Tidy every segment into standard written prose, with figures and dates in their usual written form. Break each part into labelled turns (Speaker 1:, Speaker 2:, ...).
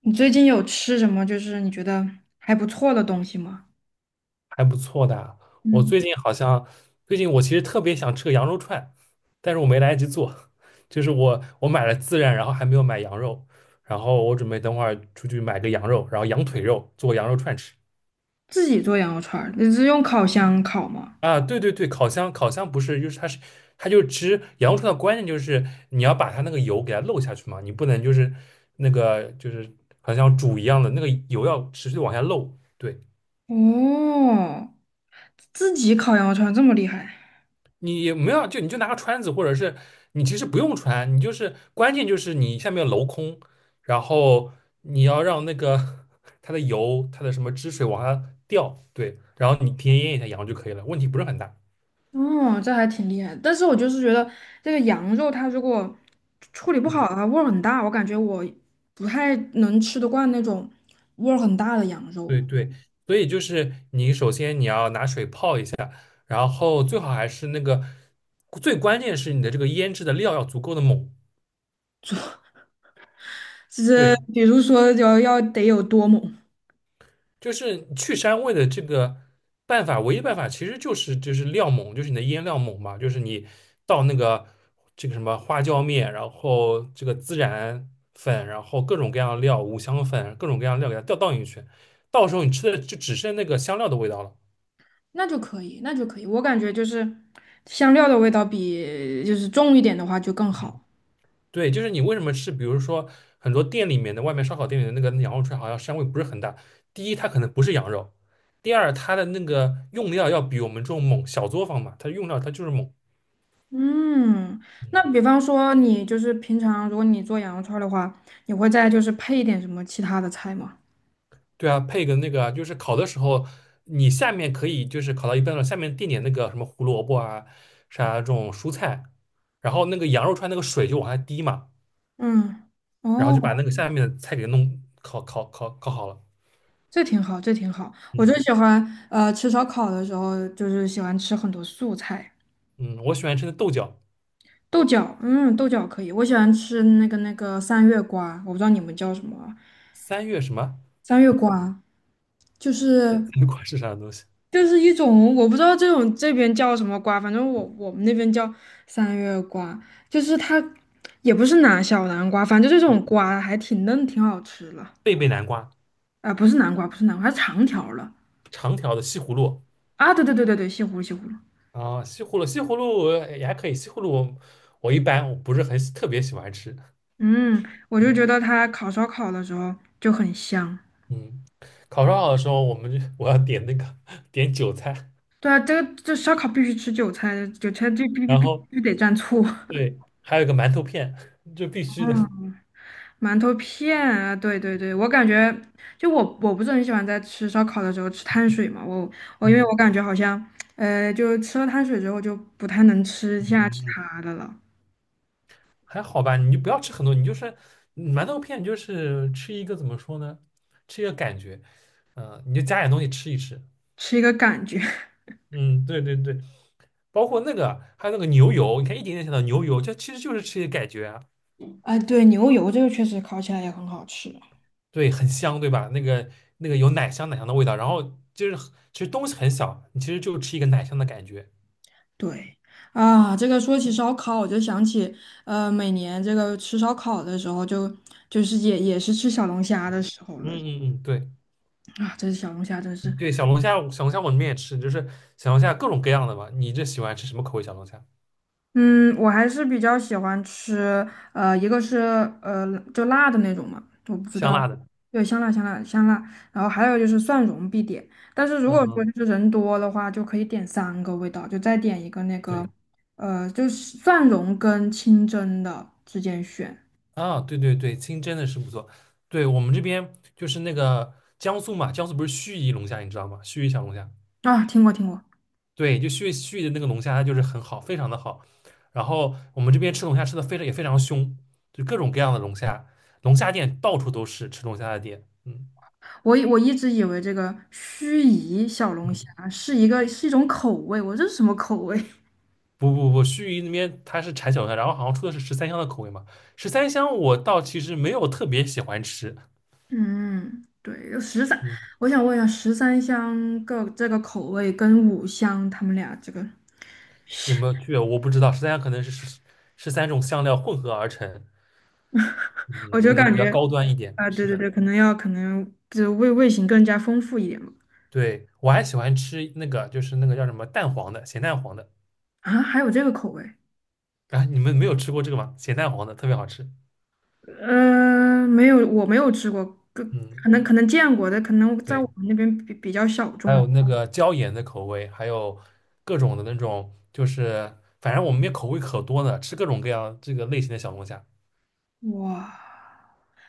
Speaker 1: 你最近有吃什么就是你觉得还不错的东西吗？
Speaker 2: 还不错的啊。我
Speaker 1: 嗯，
Speaker 2: 最近好像，最近我其实特别想吃个羊肉串，但是我没来得及做。就是我买了孜然，然后还没有买羊肉，然后我准备等会儿出去买个羊肉，然后羊腿肉做羊肉串吃。
Speaker 1: 自己做羊肉串儿，你是用烤箱烤吗？
Speaker 2: 啊，对对对，烤箱不是，就是它是它就吃羊肉串的关键就是你要把它那个油给它漏下去嘛，你不能就是那个就是好像煮一样的那个油要持续地往下漏。对。
Speaker 1: 哦，自己烤羊肉串儿这么厉害？
Speaker 2: 你也没有，就你就拿个穿子，或者是你其实不用穿，你就是关键就是你下面要镂空，然后你要让那个 它的油、它的什么汁水往下掉，对，然后你提前腌一下羊就可以了，问题不是很大。
Speaker 1: 哦，这还挺厉害的但是我就是觉得这个羊肉它如果处理不
Speaker 2: 嗯，
Speaker 1: 好的话，味儿很大，我感觉我不太能吃得惯那种味儿很大的羊肉。
Speaker 2: 对对，所以就是你首先你要拿水泡一下，然后最好还是那个最关键是你的这个腌制的料要足够的猛，
Speaker 1: 就是
Speaker 2: 对，
Speaker 1: 比如说要得有多猛？
Speaker 2: 就是去膻味的这个办法，唯一办法其实就是料猛，就是你的腌料猛嘛，就是你倒那个这个什么花椒面，然后这个孜然粉，然后各种各样的料，五香粉，各种各样的料给它倒进去，到时候你吃的就只剩那个香料的味道了。
Speaker 1: 那就可以，那就可以。我感觉就是香料的味道比就是重一点的话就更
Speaker 2: 嗯，
Speaker 1: 好。
Speaker 2: 对，就是你为什么吃，比如说很多店里面的外面烧烤店里的那个羊肉串，好像膻味不是很大。第一，它可能不是羊肉；第二，它的那个用料要比我们这种猛，小作坊嘛，它用料它就是猛。
Speaker 1: 嗯，那
Speaker 2: 嗯
Speaker 1: 比方说你就是平常如果你做羊肉串儿的话，你会再就是配一点什么其他的菜吗？
Speaker 2: 对啊，配个那个啊，就是烤的时候，你下面可以就是烤到一半了，下面垫点那个什么胡萝卜啊，啥这种蔬菜，然后那个羊肉串那个水就往下滴嘛，
Speaker 1: 嗯，
Speaker 2: 然后就把
Speaker 1: 哦，
Speaker 2: 那个下面的菜给弄烤好了。
Speaker 1: 这挺好，这挺好。我就
Speaker 2: 嗯
Speaker 1: 喜欢吃烧烤的时候，就是喜欢吃很多素菜，
Speaker 2: 嗯，我喜欢吃的豆角，
Speaker 1: 豆角，嗯，豆角可以。我喜欢吃那个三月瓜，我不知道你们叫什么啊
Speaker 2: 三月什么？
Speaker 1: 三月瓜就是。
Speaker 2: 南瓜是啥东西？
Speaker 1: 就是一种我不知道这种这边叫什么瓜，反正我们那边叫三月瓜，就是它也不是小南瓜，反正就这种瓜还挺嫩，挺好吃了。
Speaker 2: 贝贝南瓜，
Speaker 1: 啊、不是南瓜，不是南瓜，它长条了
Speaker 2: 长条的西葫芦
Speaker 1: 啊！对对对对对，西葫芦西葫芦。
Speaker 2: 啊，西葫芦西葫芦也还可以，西葫芦我一般我不是特别喜欢吃。
Speaker 1: 嗯，我就觉
Speaker 2: 嗯
Speaker 1: 得它烤烧烤的时候就很香。
Speaker 2: 嗯，烤烧烤的时候，我们就我要点那个 点韭菜，
Speaker 1: 对啊，这烧烤必须吃韭菜，韭菜就必必
Speaker 2: 然
Speaker 1: 必必
Speaker 2: 后
Speaker 1: 须得蘸醋。
Speaker 2: 对，还有一个馒头片，就必须 的。
Speaker 1: 馒头片啊，对对对，我感觉就我不是很喜欢在吃烧烤的时候吃碳水嘛，我因为我
Speaker 2: 嗯
Speaker 1: 感觉好像，就吃了碳水之后就不太能吃
Speaker 2: 嗯
Speaker 1: 下其
Speaker 2: 嗯，
Speaker 1: 他的了，
Speaker 2: 还好吧，你就不要吃很多，你就是馒头片，你就是吃一个怎么说呢？吃一个感觉，你就加点东西吃一吃。
Speaker 1: 吃一个感觉。
Speaker 2: 嗯，对对对，包括那个还有那个牛油，你看一点点想到牛油，就其实就是吃一个感觉啊，
Speaker 1: 哎，对，牛油这个确实烤起来也很好吃。
Speaker 2: 对，很香，对吧？那个有奶香奶香的味道，然后就是其实东西很小，你其实就吃一个奶香的感觉。
Speaker 1: 对啊，这个说起烧烤，我就想起，每年这个吃烧烤的时候就，就是也是吃小龙虾的
Speaker 2: 嗯
Speaker 1: 时候
Speaker 2: 嗯
Speaker 1: 了
Speaker 2: 嗯，嗯对
Speaker 1: 啊，这是小龙虾真是。
Speaker 2: 对，小龙虾我们也吃，就是小龙虾各种各样的吧。你这喜欢吃什么口味小龙虾？
Speaker 1: 嗯，我还是比较喜欢吃，一个是呃就辣的那种嘛，我不知
Speaker 2: 香
Speaker 1: 道，
Speaker 2: 辣的。
Speaker 1: 对，香辣香辣香辣，然后还有就是蒜蓉必点，但是如
Speaker 2: 嗯
Speaker 1: 果说
Speaker 2: 嗯，
Speaker 1: 就是人多的话，就可以点三个味道，就再点一个那个，
Speaker 2: 对
Speaker 1: 就是蒜蓉跟清蒸的之间选
Speaker 2: 啊，对对对，清蒸的是不错。对我们这边就是那个江苏嘛，江苏不是盱眙龙虾，你知道吗？盱眙小龙虾，
Speaker 1: 啊，听过听过，
Speaker 2: 对，就盱眙的那个龙虾，它就是很好，非常的好。然后我们这边吃龙虾吃的非常凶，就各种各样的龙虾，龙虾店到处都是吃龙虾的店。嗯
Speaker 1: 我一直以为这个盱眙小龙虾
Speaker 2: 嗯。
Speaker 1: 是一个是一种口味，我这是什么口味？
Speaker 2: 不不不，盱眙那边它是产小龙虾，然后好像出的是十三香的口味嘛。十三香我倒其实没有特别喜欢吃，
Speaker 1: 嗯，对，有十三，
Speaker 2: 嗯，
Speaker 1: 我想问一下，十三香个这个口味跟五香他们俩这个，
Speaker 2: 有没有区别我不知道。十三香可能是十三种香料混合而成，
Speaker 1: 我
Speaker 2: 嗯，
Speaker 1: 就
Speaker 2: 可能
Speaker 1: 感
Speaker 2: 比较
Speaker 1: 觉
Speaker 2: 高端一点。
Speaker 1: 啊、对
Speaker 2: 是
Speaker 1: 对
Speaker 2: 的，
Speaker 1: 对，可能就味型更加丰富一点嘛。
Speaker 2: 对，我还喜欢吃那个，就是那个叫什么蛋黄的，咸蛋黄的。
Speaker 1: 啊，还有这个口味？
Speaker 2: 啊，你们没有吃过这个吗？咸蛋黄的特别好吃。
Speaker 1: 没有，我没有吃过，可可
Speaker 2: 嗯，
Speaker 1: 能可能见过的，可能在
Speaker 2: 对，
Speaker 1: 我们那边比较小
Speaker 2: 还
Speaker 1: 众。
Speaker 2: 有那个椒盐的口味，还有各种的那种，就是反正我们那边口味可多呢，吃各种各样这个类型的小龙虾。
Speaker 1: 哇，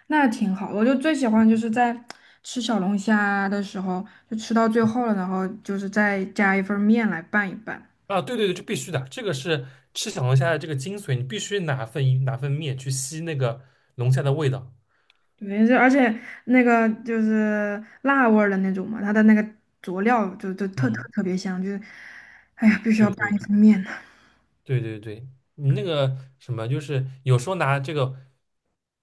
Speaker 1: 那挺好。我就最喜欢就是在吃小龙虾的时候，就吃到最后了，然后就是再加一份面来拌一拌。
Speaker 2: 啊，对对对，这必须的，这个是吃小龙虾的这个精髓，你必须拿份面去吸那个龙虾的味道。
Speaker 1: 对，这而且那个就是辣味儿的那种嘛，它的那个佐料就特特
Speaker 2: 嗯，
Speaker 1: 特别香，就是，哎呀，必须要
Speaker 2: 对
Speaker 1: 拌
Speaker 2: 对
Speaker 1: 一份
Speaker 2: 对
Speaker 1: 面呢。
Speaker 2: 对对对，你那个什么，就是有时候拿这个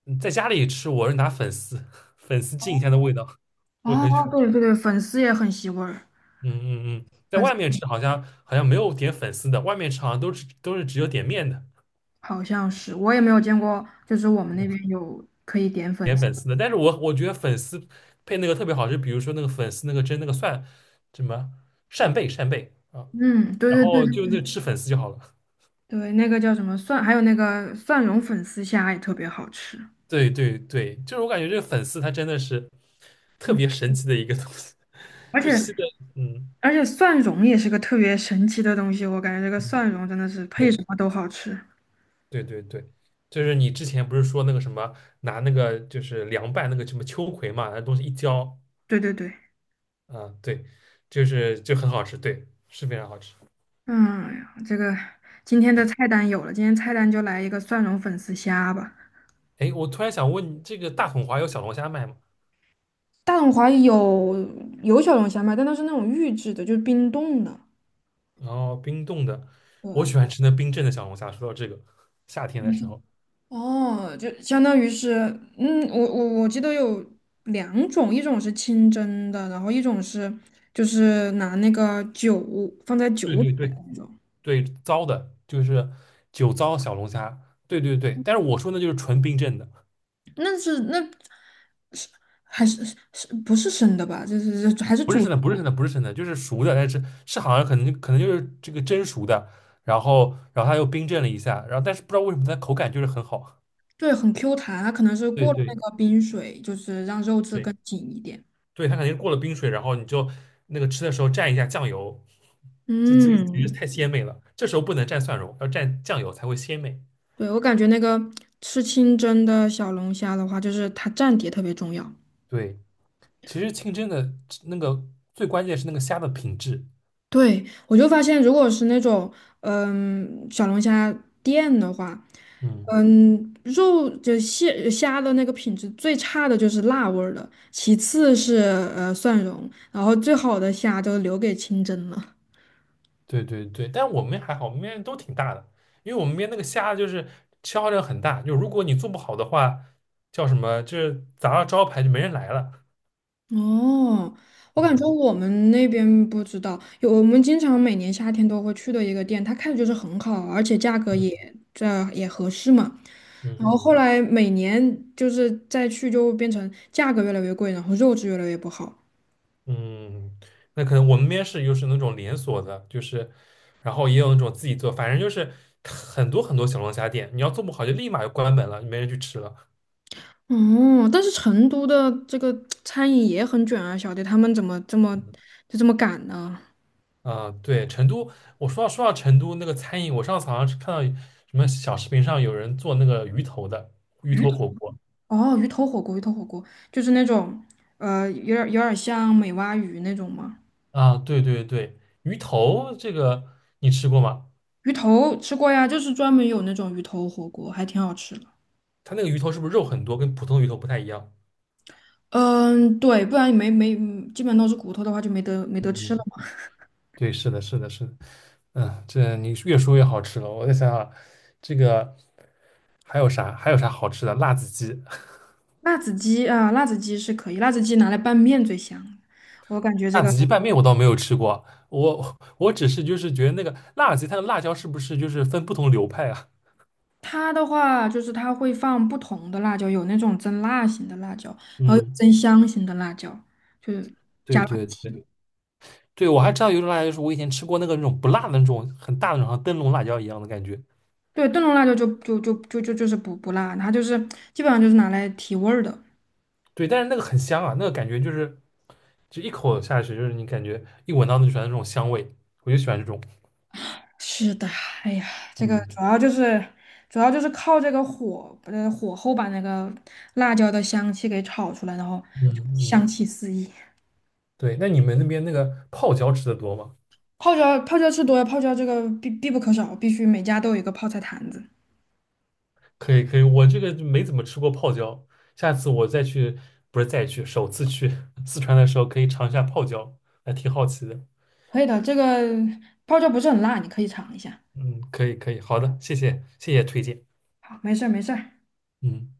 Speaker 2: 在家里吃，我是拿粉丝 粉丝浸一下的味道，
Speaker 1: 哦，
Speaker 2: 我很喜欢吃。
Speaker 1: 对对对，粉丝也很吸味儿，
Speaker 2: 嗯嗯嗯，在
Speaker 1: 粉丝
Speaker 2: 外面吃好像没有点粉丝的，外面吃好像都是只有点面的，
Speaker 1: 好像是，我也没有见过，就是我们那边有可以点粉
Speaker 2: 点
Speaker 1: 丝。
Speaker 2: 粉丝的。但是我觉得粉丝配那个特别好吃，比如说那个粉丝那个蒸那个蒜什么扇贝扇贝啊。
Speaker 1: 嗯，
Speaker 2: 然
Speaker 1: 对对
Speaker 2: 后
Speaker 1: 对
Speaker 2: 就
Speaker 1: 对，
Speaker 2: 那吃粉丝就好了。
Speaker 1: 对那个叫什么蒜，还有那个蒜蓉粉丝虾也特别好吃。
Speaker 2: 对对对，就是我感觉这个粉丝它真的是特
Speaker 1: 嗯，
Speaker 2: 别神奇的一个东西，
Speaker 1: 而
Speaker 2: 就
Speaker 1: 且
Speaker 2: 吸的，嗯
Speaker 1: 而且蒜蓉也是个特别神奇的东西，我感觉这个
Speaker 2: 嗯，
Speaker 1: 蒜蓉真的是配
Speaker 2: 对
Speaker 1: 什么都好吃。
Speaker 2: 对对对，就是你之前不是说那个什么拿那个就是凉拌那个什么秋葵嘛，那东西一浇，
Speaker 1: 对对对。
Speaker 2: 啊，对，就是就很好吃，对，是非常好吃。
Speaker 1: 嗯，这个今天的菜单有了，今天菜单就来一个蒜蓉粉丝虾吧。
Speaker 2: 哎，我突然想问你这个大统华有小龙虾卖吗？
Speaker 1: 大董华有小龙虾卖，但它是那种预制的，就是冰冻的。
Speaker 2: 然后冰冻的，
Speaker 1: 对，
Speaker 2: 我喜欢吃那冰镇的小龙虾。说到这个，夏天的
Speaker 1: 嗯
Speaker 2: 时
Speaker 1: 就
Speaker 2: 候，
Speaker 1: 哦，就相当于是，嗯，我记得有两种，一种是清蒸的，然后一种是就是拿那个酒放在酒
Speaker 2: 对
Speaker 1: 里
Speaker 2: 对
Speaker 1: 面的
Speaker 2: 对，
Speaker 1: 那种，
Speaker 2: 对，糟的，就是酒糟小龙虾。对对对，但是我说那就是纯冰镇的，
Speaker 1: 那还是不是生的吧？就是还是
Speaker 2: 不是
Speaker 1: 煮。
Speaker 2: 生的，不是生的，不是生的，就是熟的，但是好像可能就是这个蒸熟的，然后它又冰镇了一下，然后但是不知道为什么它口感就是很好。
Speaker 1: 对，很 Q 弹，它可能是
Speaker 2: 对
Speaker 1: 过了那
Speaker 2: 对
Speaker 1: 个冰水，就是让肉质
Speaker 2: 对
Speaker 1: 更紧一点。
Speaker 2: 对，它肯定是过了冰水，然后你就那个吃的时候蘸一下酱油，这简直
Speaker 1: 嗯，
Speaker 2: 太鲜美了。这时候不能蘸蒜蓉，要蘸酱油才会鲜美。
Speaker 1: 对，我感觉那个吃清蒸的小龙虾的话，就是它蘸碟特别重要。
Speaker 2: 对，其实清蒸的那个最关键是那个虾的品质。
Speaker 1: 对，我就发现，如果是那种小龙虾店的话，
Speaker 2: 嗯。
Speaker 1: 肉就蟹虾的那个品质最差的就是辣味儿的，其次是蒜蓉，然后最好的虾都留给清蒸了。
Speaker 2: 对对对，但我们还好，我们面都挺大的，因为我们面那个虾就是消耗量很大，就如果你做不好的话，叫什么，就是砸了招牌就没人来了。
Speaker 1: 哦，我感觉
Speaker 2: 嗯
Speaker 1: 我们那边不知道，有我们经常每年夏天都会去的一个店，它开的就是很好，而且价格
Speaker 2: 嗯
Speaker 1: 这也合适嘛。
Speaker 2: 嗯
Speaker 1: 然后后
Speaker 2: 嗯
Speaker 1: 来每年就是再去就变成价格越来越贵，然后肉质越来越不好。
Speaker 2: 嗯，那可能我们面试又是那种连锁的，就是，然后也有那种自己做，反正就是很多很多小龙虾店，你要做不好就立马就关门了，没人去吃了。
Speaker 1: 哦，但是成都的这个餐饮也很卷啊，小弟他们怎么这么赶呢？
Speaker 2: 啊、对，成都，我说到成都那个餐饮，我上次好像是看到什么小视频上有人做那个鱼头火锅。
Speaker 1: 哦，鱼头火锅，鱼头火锅就是那种有点像美蛙鱼那种吗？
Speaker 2: 啊，对对对，鱼头这个你吃过吗？
Speaker 1: 鱼头吃过呀，就是专门有那种鱼头火锅，还挺好吃的。
Speaker 2: 它那个鱼头是不是肉很多，跟普通鱼头不太一样？
Speaker 1: 嗯，对，不然也没，基本都是骨头的话就没得吃了嘛
Speaker 2: 对，是的，是的，是的。嗯，这你越说越好吃了。我再想想，这个还有啥？还有啥好吃的？辣子鸡，
Speaker 1: 辣子鸡啊，辣子鸡是可以，辣子鸡拿来拌面最香。我感觉 这
Speaker 2: 辣
Speaker 1: 个
Speaker 2: 子鸡拌面我倒没有吃过。我只是就是觉得那个辣子鸡，它的辣椒是不是就是分不同流派啊？
Speaker 1: 它的话，就是它会放不同的辣椒，有那种增辣型的辣椒，然后有
Speaker 2: 嗯，
Speaker 1: 增香型的辣椒，就是
Speaker 2: 对
Speaker 1: 加辣
Speaker 2: 对对
Speaker 1: 提。
Speaker 2: 对，我还知道有一种辣椒，就是我以前吃过那个那种不辣的那种很大的那种，像灯笼辣椒一样的感觉。
Speaker 1: 对，炖笼辣椒就是不辣，它就是基本上就是拿来提味儿的。
Speaker 2: 对，但是那个很香啊，那个感觉就是就一口下去，就是你感觉一闻到就喜欢那船的这种香味，我就喜欢这种。
Speaker 1: 是的，哎呀，这个
Speaker 2: 嗯，
Speaker 1: 主要就是靠这个火，火候把那个辣椒的香气给炒出来，然后
Speaker 2: 嗯
Speaker 1: 就香
Speaker 2: 嗯，
Speaker 1: 气四溢。
Speaker 2: 对，那你们那边那个泡椒吃的多吗？
Speaker 1: 泡椒吃多了，泡椒这个必不可少，必须每家都有一个泡菜坛子。
Speaker 2: 可以可以，我这个就没怎么吃过泡椒，下次我再去，不是再去，首次去 四川的时候可以尝一下泡椒，还挺好奇的。
Speaker 1: 可以的，这个泡椒不是很辣，你可以尝一下。
Speaker 2: 嗯，可以可以，好的，谢谢谢谢推荐。
Speaker 1: 好，没事儿没事儿。
Speaker 2: 嗯。